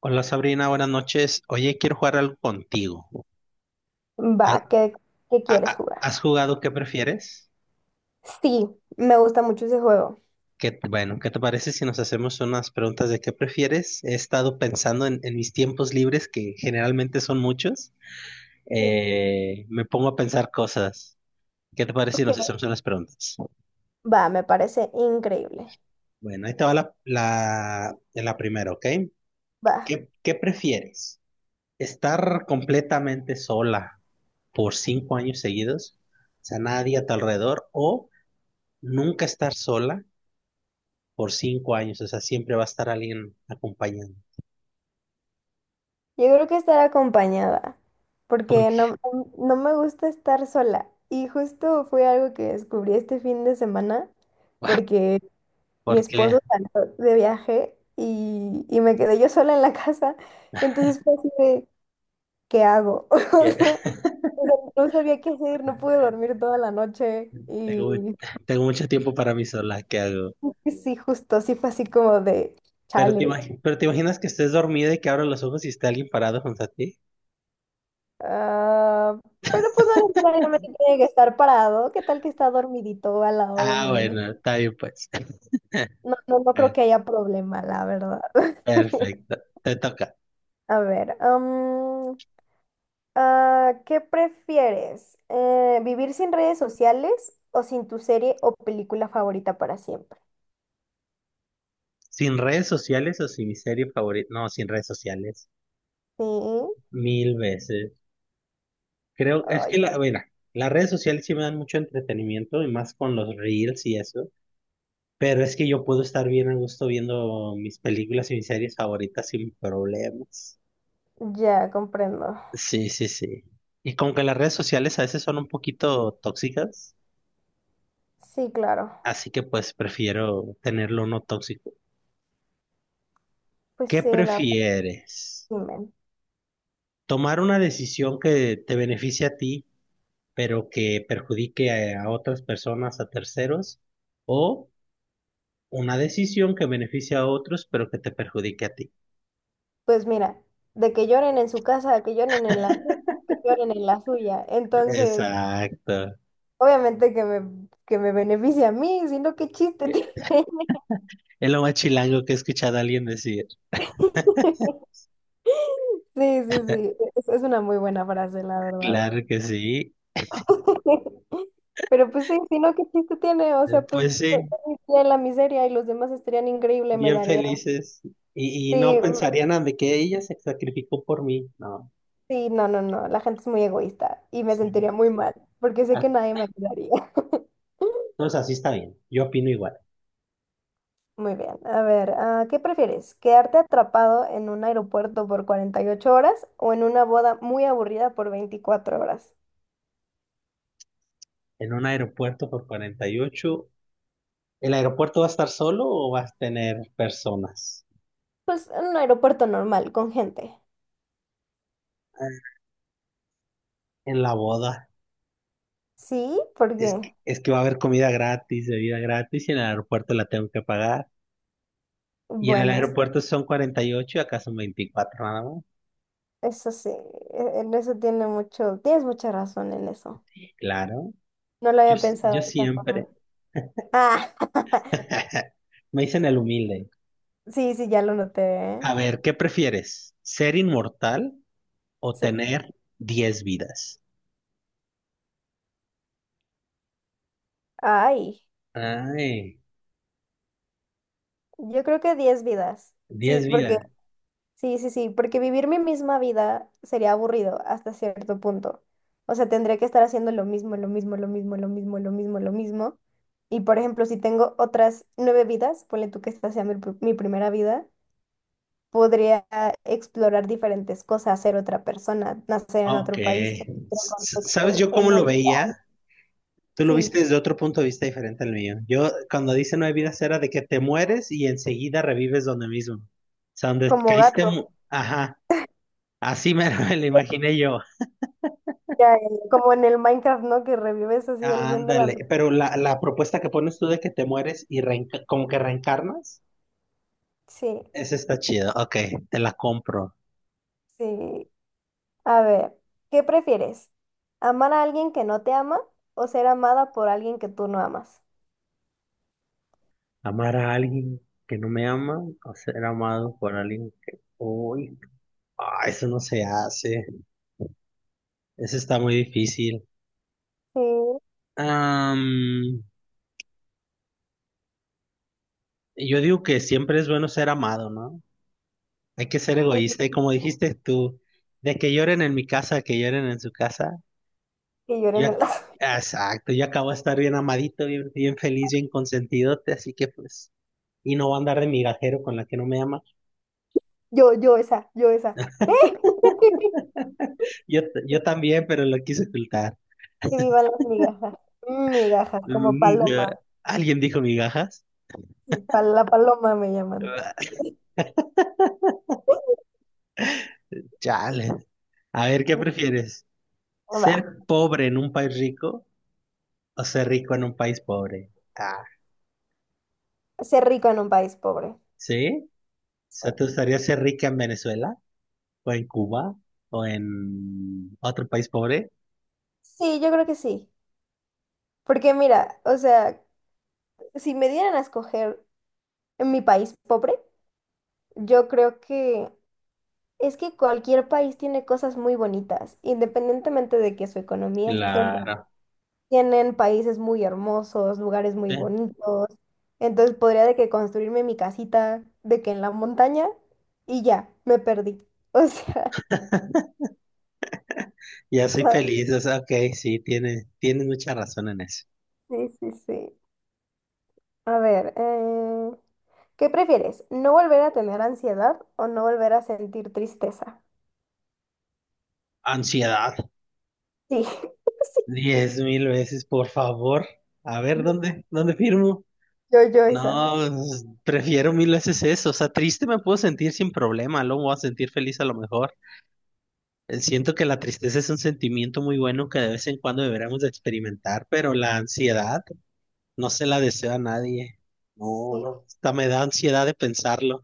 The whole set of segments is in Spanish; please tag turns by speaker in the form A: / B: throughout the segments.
A: Hola Sabrina, buenas noches. Oye, quiero jugar algo contigo. ¿Ha-
B: Va, ¿qué
A: ha-
B: quieres
A: ha-
B: jugar?
A: ¿Has, jugado qué prefieres?
B: Sí, me gusta mucho ese juego.
A: Bueno, ¿qué te parece si nos hacemos unas preguntas de qué prefieres? He estado pensando en mis tiempos libres, que generalmente son muchos.
B: Sí,
A: Me pongo a pensar cosas. ¿Qué te parece si nos
B: ok.
A: hacemos unas preguntas?
B: Va, me parece increíble.
A: Bueno, ahí te va la primera, ¿ok?
B: Va,
A: ¿Qué prefieres? ¿Estar completamente sola por 5 años seguidos? O sea, nadie a tu alrededor o nunca estar sola por 5 años, o sea, siempre va a estar alguien acompañando.
B: yo creo que estar acompañada, porque no,
A: Porque,
B: no no me gusta estar sola. Y justo fue algo que descubrí este fin de semana, porque mi esposo
A: porque
B: salió de viaje y me quedé yo sola en la casa. Entonces fue así de, ¿qué hago?
A: ya
B: O sea, no sabía qué hacer, no pude dormir toda la noche y
A: tengo, tengo mucho tiempo para mí sola, ¿qué hago?
B: sí, justo, sí fue así como de
A: Pero te
B: chale.
A: imagi- pero te imaginas que estés dormida y que abras los ojos y esté alguien parado junto a ti.
B: Ah, pero pues no necesariamente tiene que estar parado. ¿Qué tal que está dormidito al lado de
A: Ah,
B: mí? No,
A: bueno, está bien pues.
B: no, no, no creo
A: Eh,
B: que haya problema, la verdad.
A: Perfecto, te toca.
B: A ver, ¿qué prefieres? ¿Vivir sin redes sociales o sin tu serie o película favorita para siempre?
A: Sin redes sociales o sin mi serie favorita. No, sin redes sociales.
B: Sí,
A: 1,000 veces. Creo, es
B: ay,
A: que mira, las redes sociales sí me dan mucho entretenimiento y más con los reels y eso. Pero es que yo puedo estar bien a gusto viendo mis películas y mis series favoritas sin problemas.
B: ya comprendo.
A: Sí, sí, sí. Y como que las redes sociales a veces son un poquito tóxicas,
B: Sí, claro.
A: así que pues prefiero tenerlo no tóxico.
B: Pues
A: ¿Qué
B: sí, la...
A: prefieres?
B: Dime.
A: ¿Tomar una decisión que te beneficie a ti, pero que perjudique a otras personas, a terceros? ¿O una decisión que beneficie a otros, pero que te perjudique a ti?
B: Pues mira, de que lloren en su casa, que lloren en la mía, que lloren en la suya. Entonces,
A: Exacto.
B: obviamente que me beneficia a mí, sino qué chiste tiene.
A: Es lo más chilango que he escuchado a alguien decir.
B: Sí, sí, sí, es una muy buena frase, la verdad.
A: Claro que sí.
B: Pero pues sí, sino qué chiste tiene. O sea, pues
A: Pues
B: yo,
A: sí,
B: yo viviría en la miseria y los demás estarían increíble, me
A: bien
B: daría.
A: felices. Y no
B: Sí, mm,
A: pensarían nada de que ella se sacrificó por mí. No.
B: sí, no, no, no, la gente es muy egoísta y me
A: Sí.
B: sentiría muy mal, porque sé
A: Ah,
B: que nadie me ayudaría.
A: Entonces así está bien. Yo opino igual.
B: Muy bien, a ver, ¿qué prefieres? ¿Quedarte atrapado en un aeropuerto por 48 horas o en una boda muy aburrida por 24 horas?
A: En un aeropuerto por 48. ¿El aeropuerto va a estar solo o vas a tener personas?
B: Pues en un aeropuerto normal, con gente.
A: Ah, en la boda.
B: Sí,
A: Es
B: porque,
A: que, es que va a haber comida gratis, bebida gratis, y en el aeropuerto la tengo que pagar. Y en el
B: bueno,
A: aeropuerto son 48 y acá son 24 nada más.
B: eso sí, en eso tienes mucha razón en eso.
A: Claro.
B: No lo
A: Yo,
B: había
A: s-
B: pensado
A: yo
B: de esa
A: siempre.
B: forma. Ah,
A: Me dicen el humilde.
B: sí, sí, ya lo noté, ¿eh?
A: A ver, ¿qué prefieres? ¿Ser inmortal o
B: Sí.
A: tener 10 vidas?
B: Ay,
A: Ay,
B: yo creo que 10 vidas. Sí,
A: diez
B: porque
A: vidas.
B: sí, sí, sí, porque vivir mi misma vida sería aburrido hasta cierto punto. O sea, tendría que estar haciendo lo mismo, lo mismo, lo mismo, lo mismo, lo mismo, lo mismo. Y por ejemplo, si tengo otras 9 vidas, ponle tú que esta sea mi primera vida, podría explorar diferentes cosas, ser otra persona, nacer en
A: Ok.
B: otro país, en otro
A: ¿Sabes
B: contexto,
A: yo cómo
B: en
A: lo
B: otro...
A: veía? Tú lo
B: Sí,
A: viste desde otro punto de vista diferente al mío. Yo, cuando dice no hay vidas, era de que te mueres y enseguida revives donde mismo. O sea, donde
B: como
A: caíste.
B: gato,
A: Ajá. Así me me lo imaginé yo.
B: ya, como en el Minecraft, ¿no? Que revives así el bien de la...
A: Ándale. Pero la propuesta que pones tú de que te mueres y como que reencarnas.
B: Sí,
A: Esa está chida. Ok, te la compro.
B: sí. A ver, ¿qué prefieres? ¿Amar a alguien que no te ama o ser amada por alguien que tú no amas?
A: Amar a alguien que no me ama o ser amado por alguien que... Uy, eso no se hace. Eso está muy difícil.
B: Sí,
A: Am, yo digo que siempre es bueno ser amado, ¿no? Hay que ser
B: sí,
A: egoísta. Y como dijiste tú, de que lloren en mi casa, que lloren en su casa.
B: que
A: Yo,
B: lloren el...
A: ac- exacto, yo acabo de estar bien amadito, bien, bien feliz, bien consentidote, así que pues... Y no voy a andar de migajero con la que no me ama.
B: Yo esa.
A: Yo también, pero lo quise ocultar.
B: Que vivan las migajas. Mm, migajas, como
A: Mm, ya.
B: paloma.
A: ¿Alguien dijo migajas?
B: La paloma me llaman.
A: Ah, Chale. A ver, ¿qué prefieres?
B: Va,
A: ¿Ser pobre en un país rico o ser rico en un país pobre? Ah,
B: ser rico en un país pobre.
A: ¿sí? O sea,
B: Sí.
A: ¿te gustaría ser rica en Venezuela o en Cuba o en otro país pobre?
B: Sí, yo creo que sí. Porque mira, o sea, si me dieran a escoger en mi país pobre, yo creo que... Es que cualquier país tiene cosas muy bonitas, independientemente de que su economía esté mal.
A: Claro.
B: Tienen países muy hermosos, lugares muy
A: Sí.
B: bonitos. Entonces podría de que construirme mi casita de que en la montaña y ya, me perdí. O sea,
A: Ya
B: o
A: soy
B: sea,
A: feliz, o sea, ok, sí, tienes mucha razón en eso.
B: sí, sí, sí. A ver, ¿qué prefieres? ¿No volver a tener ansiedad o no volver a sentir tristeza?
A: Ansiedad.
B: Sí, sí.
A: 10,000 veces, por favor. A ver, ¿dónde firmo?
B: Yo esa.
A: No, pues, prefiero 1,000 veces eso. O sea, triste me puedo sentir sin problema, luego me voy a sentir feliz a lo mejor. Siento que la tristeza es un sentimiento muy bueno que de vez en cuando deberíamos de experimentar, pero la ansiedad no se la deseo a nadie. No,
B: Sí.
A: no, hasta me da ansiedad de pensarlo.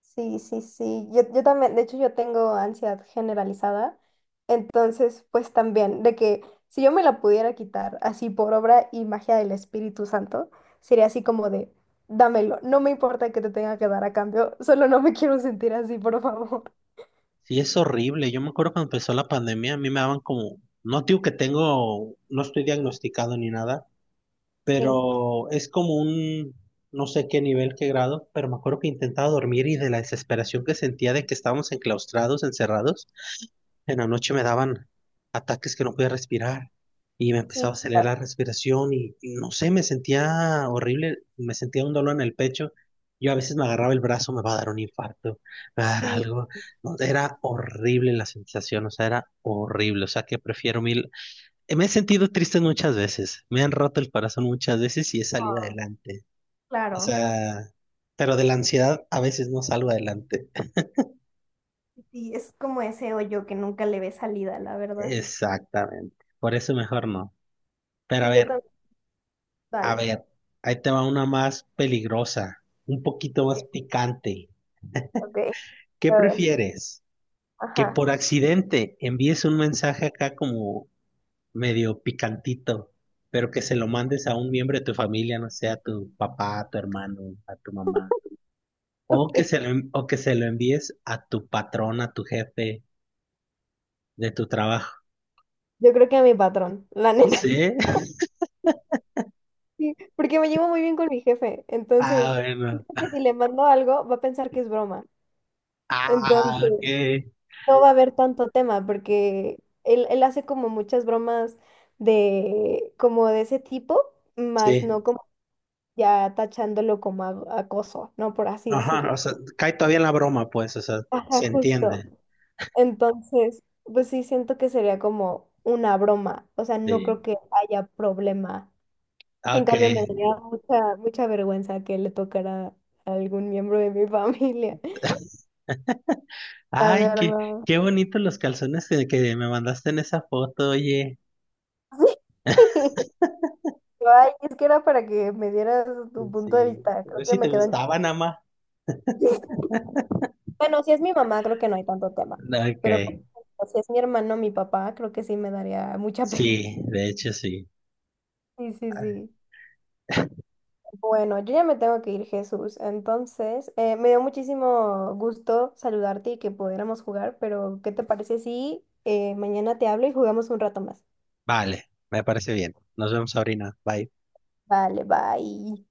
B: Sí, sí, sí. Yo también, de hecho, yo tengo ansiedad generalizada. Entonces, pues también, de que si yo me la pudiera quitar así por obra y magia del Espíritu Santo, sería así como de, dámelo, no me importa que te tenga que dar a cambio, solo no me quiero sentir así, por favor.
A: Sí, es horrible. Yo me acuerdo cuando empezó la pandemia, a mí me daban como, no digo que tengo, no estoy diagnosticado ni nada,
B: Sí,
A: pero es como un, no sé qué nivel, qué grado, pero me acuerdo que intentaba dormir y de la desesperación que sentía de que estábamos enclaustrados, encerrados, en la noche me daban ataques que no podía respirar y me
B: sí,
A: empezaba a acelerar
B: claro.
A: la respiración y no sé, me sentía horrible, me sentía un dolor en el pecho. Yo a veces me agarraba el brazo, me va a dar un infarto, me va a dar
B: Sí,
A: algo. No, era horrible la sensación, o sea, era horrible. O sea, que prefiero mil me he sentido triste muchas veces, me han roto el corazón muchas veces y he salido
B: ah,
A: adelante. O
B: claro,
A: sea, pero de la ansiedad a veces no salgo adelante.
B: sí, es como ese hoyo que nunca le ve salida, la verdad.
A: Exactamente, por eso mejor no. Pero a
B: Sí, yo
A: ver,
B: también.
A: a
B: Dale.
A: ver, ahí te va una más peligrosa, un poquito
B: Ok,
A: más picante.
B: ok,
A: ¿Qué
B: a ver.
A: prefieres? Que
B: Ajá.
A: por accidente envíes un mensaje acá como medio picantito, pero que se lo mandes a un miembro de tu familia, no sé, a tu papá, a tu hermano, a tu mamá. O que
B: Ok.
A: se lo, en- o que se lo envíes a tu patrón, a tu jefe de tu trabajo.
B: Yo creo que a mi patrón, la neta.
A: ¿Sí?
B: Sí, porque me llevo muy bien con mi jefe,
A: Ah,
B: entonces
A: bueno.
B: siento que si le mando algo va a pensar que es broma,
A: Ah,
B: entonces
A: ok.
B: no va a haber tanto tema porque él hace como muchas bromas de como de ese tipo, más
A: Sí.
B: no como ya tachándolo como acoso, ¿no? Por así
A: Ajá, o
B: decirlo.
A: sea, cae todavía en la broma, pues, o sea,
B: Ajá,
A: se
B: justo.
A: entiende.
B: Entonces, pues sí siento que sería como una broma, o sea, no creo
A: Sí.
B: que haya problema. En
A: Ok.
B: cambio, me daría mucha, mucha vergüenza que le tocara a algún miembro de mi familia. La
A: Ay, qué,
B: verdad.
A: qué bonitos los calzones que me mandaste en esa foto, oye.
B: Ay, es que era para que me dieras tu punto de
A: Sí.
B: vista.
A: A
B: Creo
A: ver
B: que
A: si te
B: me quedan
A: gustaban, ama.
B: chistes. Bueno, si es mi mamá, creo que no hay tanto tema. Pero por
A: Ok.
B: ejemplo, si es mi hermano, mi papá, creo que sí me daría mucha pena.
A: Sí, de hecho sí.
B: Sí, sí, sí. Bueno, yo ya me tengo que ir, Jesús. Entonces, me dio muchísimo gusto saludarte y que pudiéramos jugar, pero ¿qué te parece si mañana te hablo y jugamos un rato más?
A: Vale, me parece bien. Nos vemos, Sabrina. Bye.
B: Vale, bye.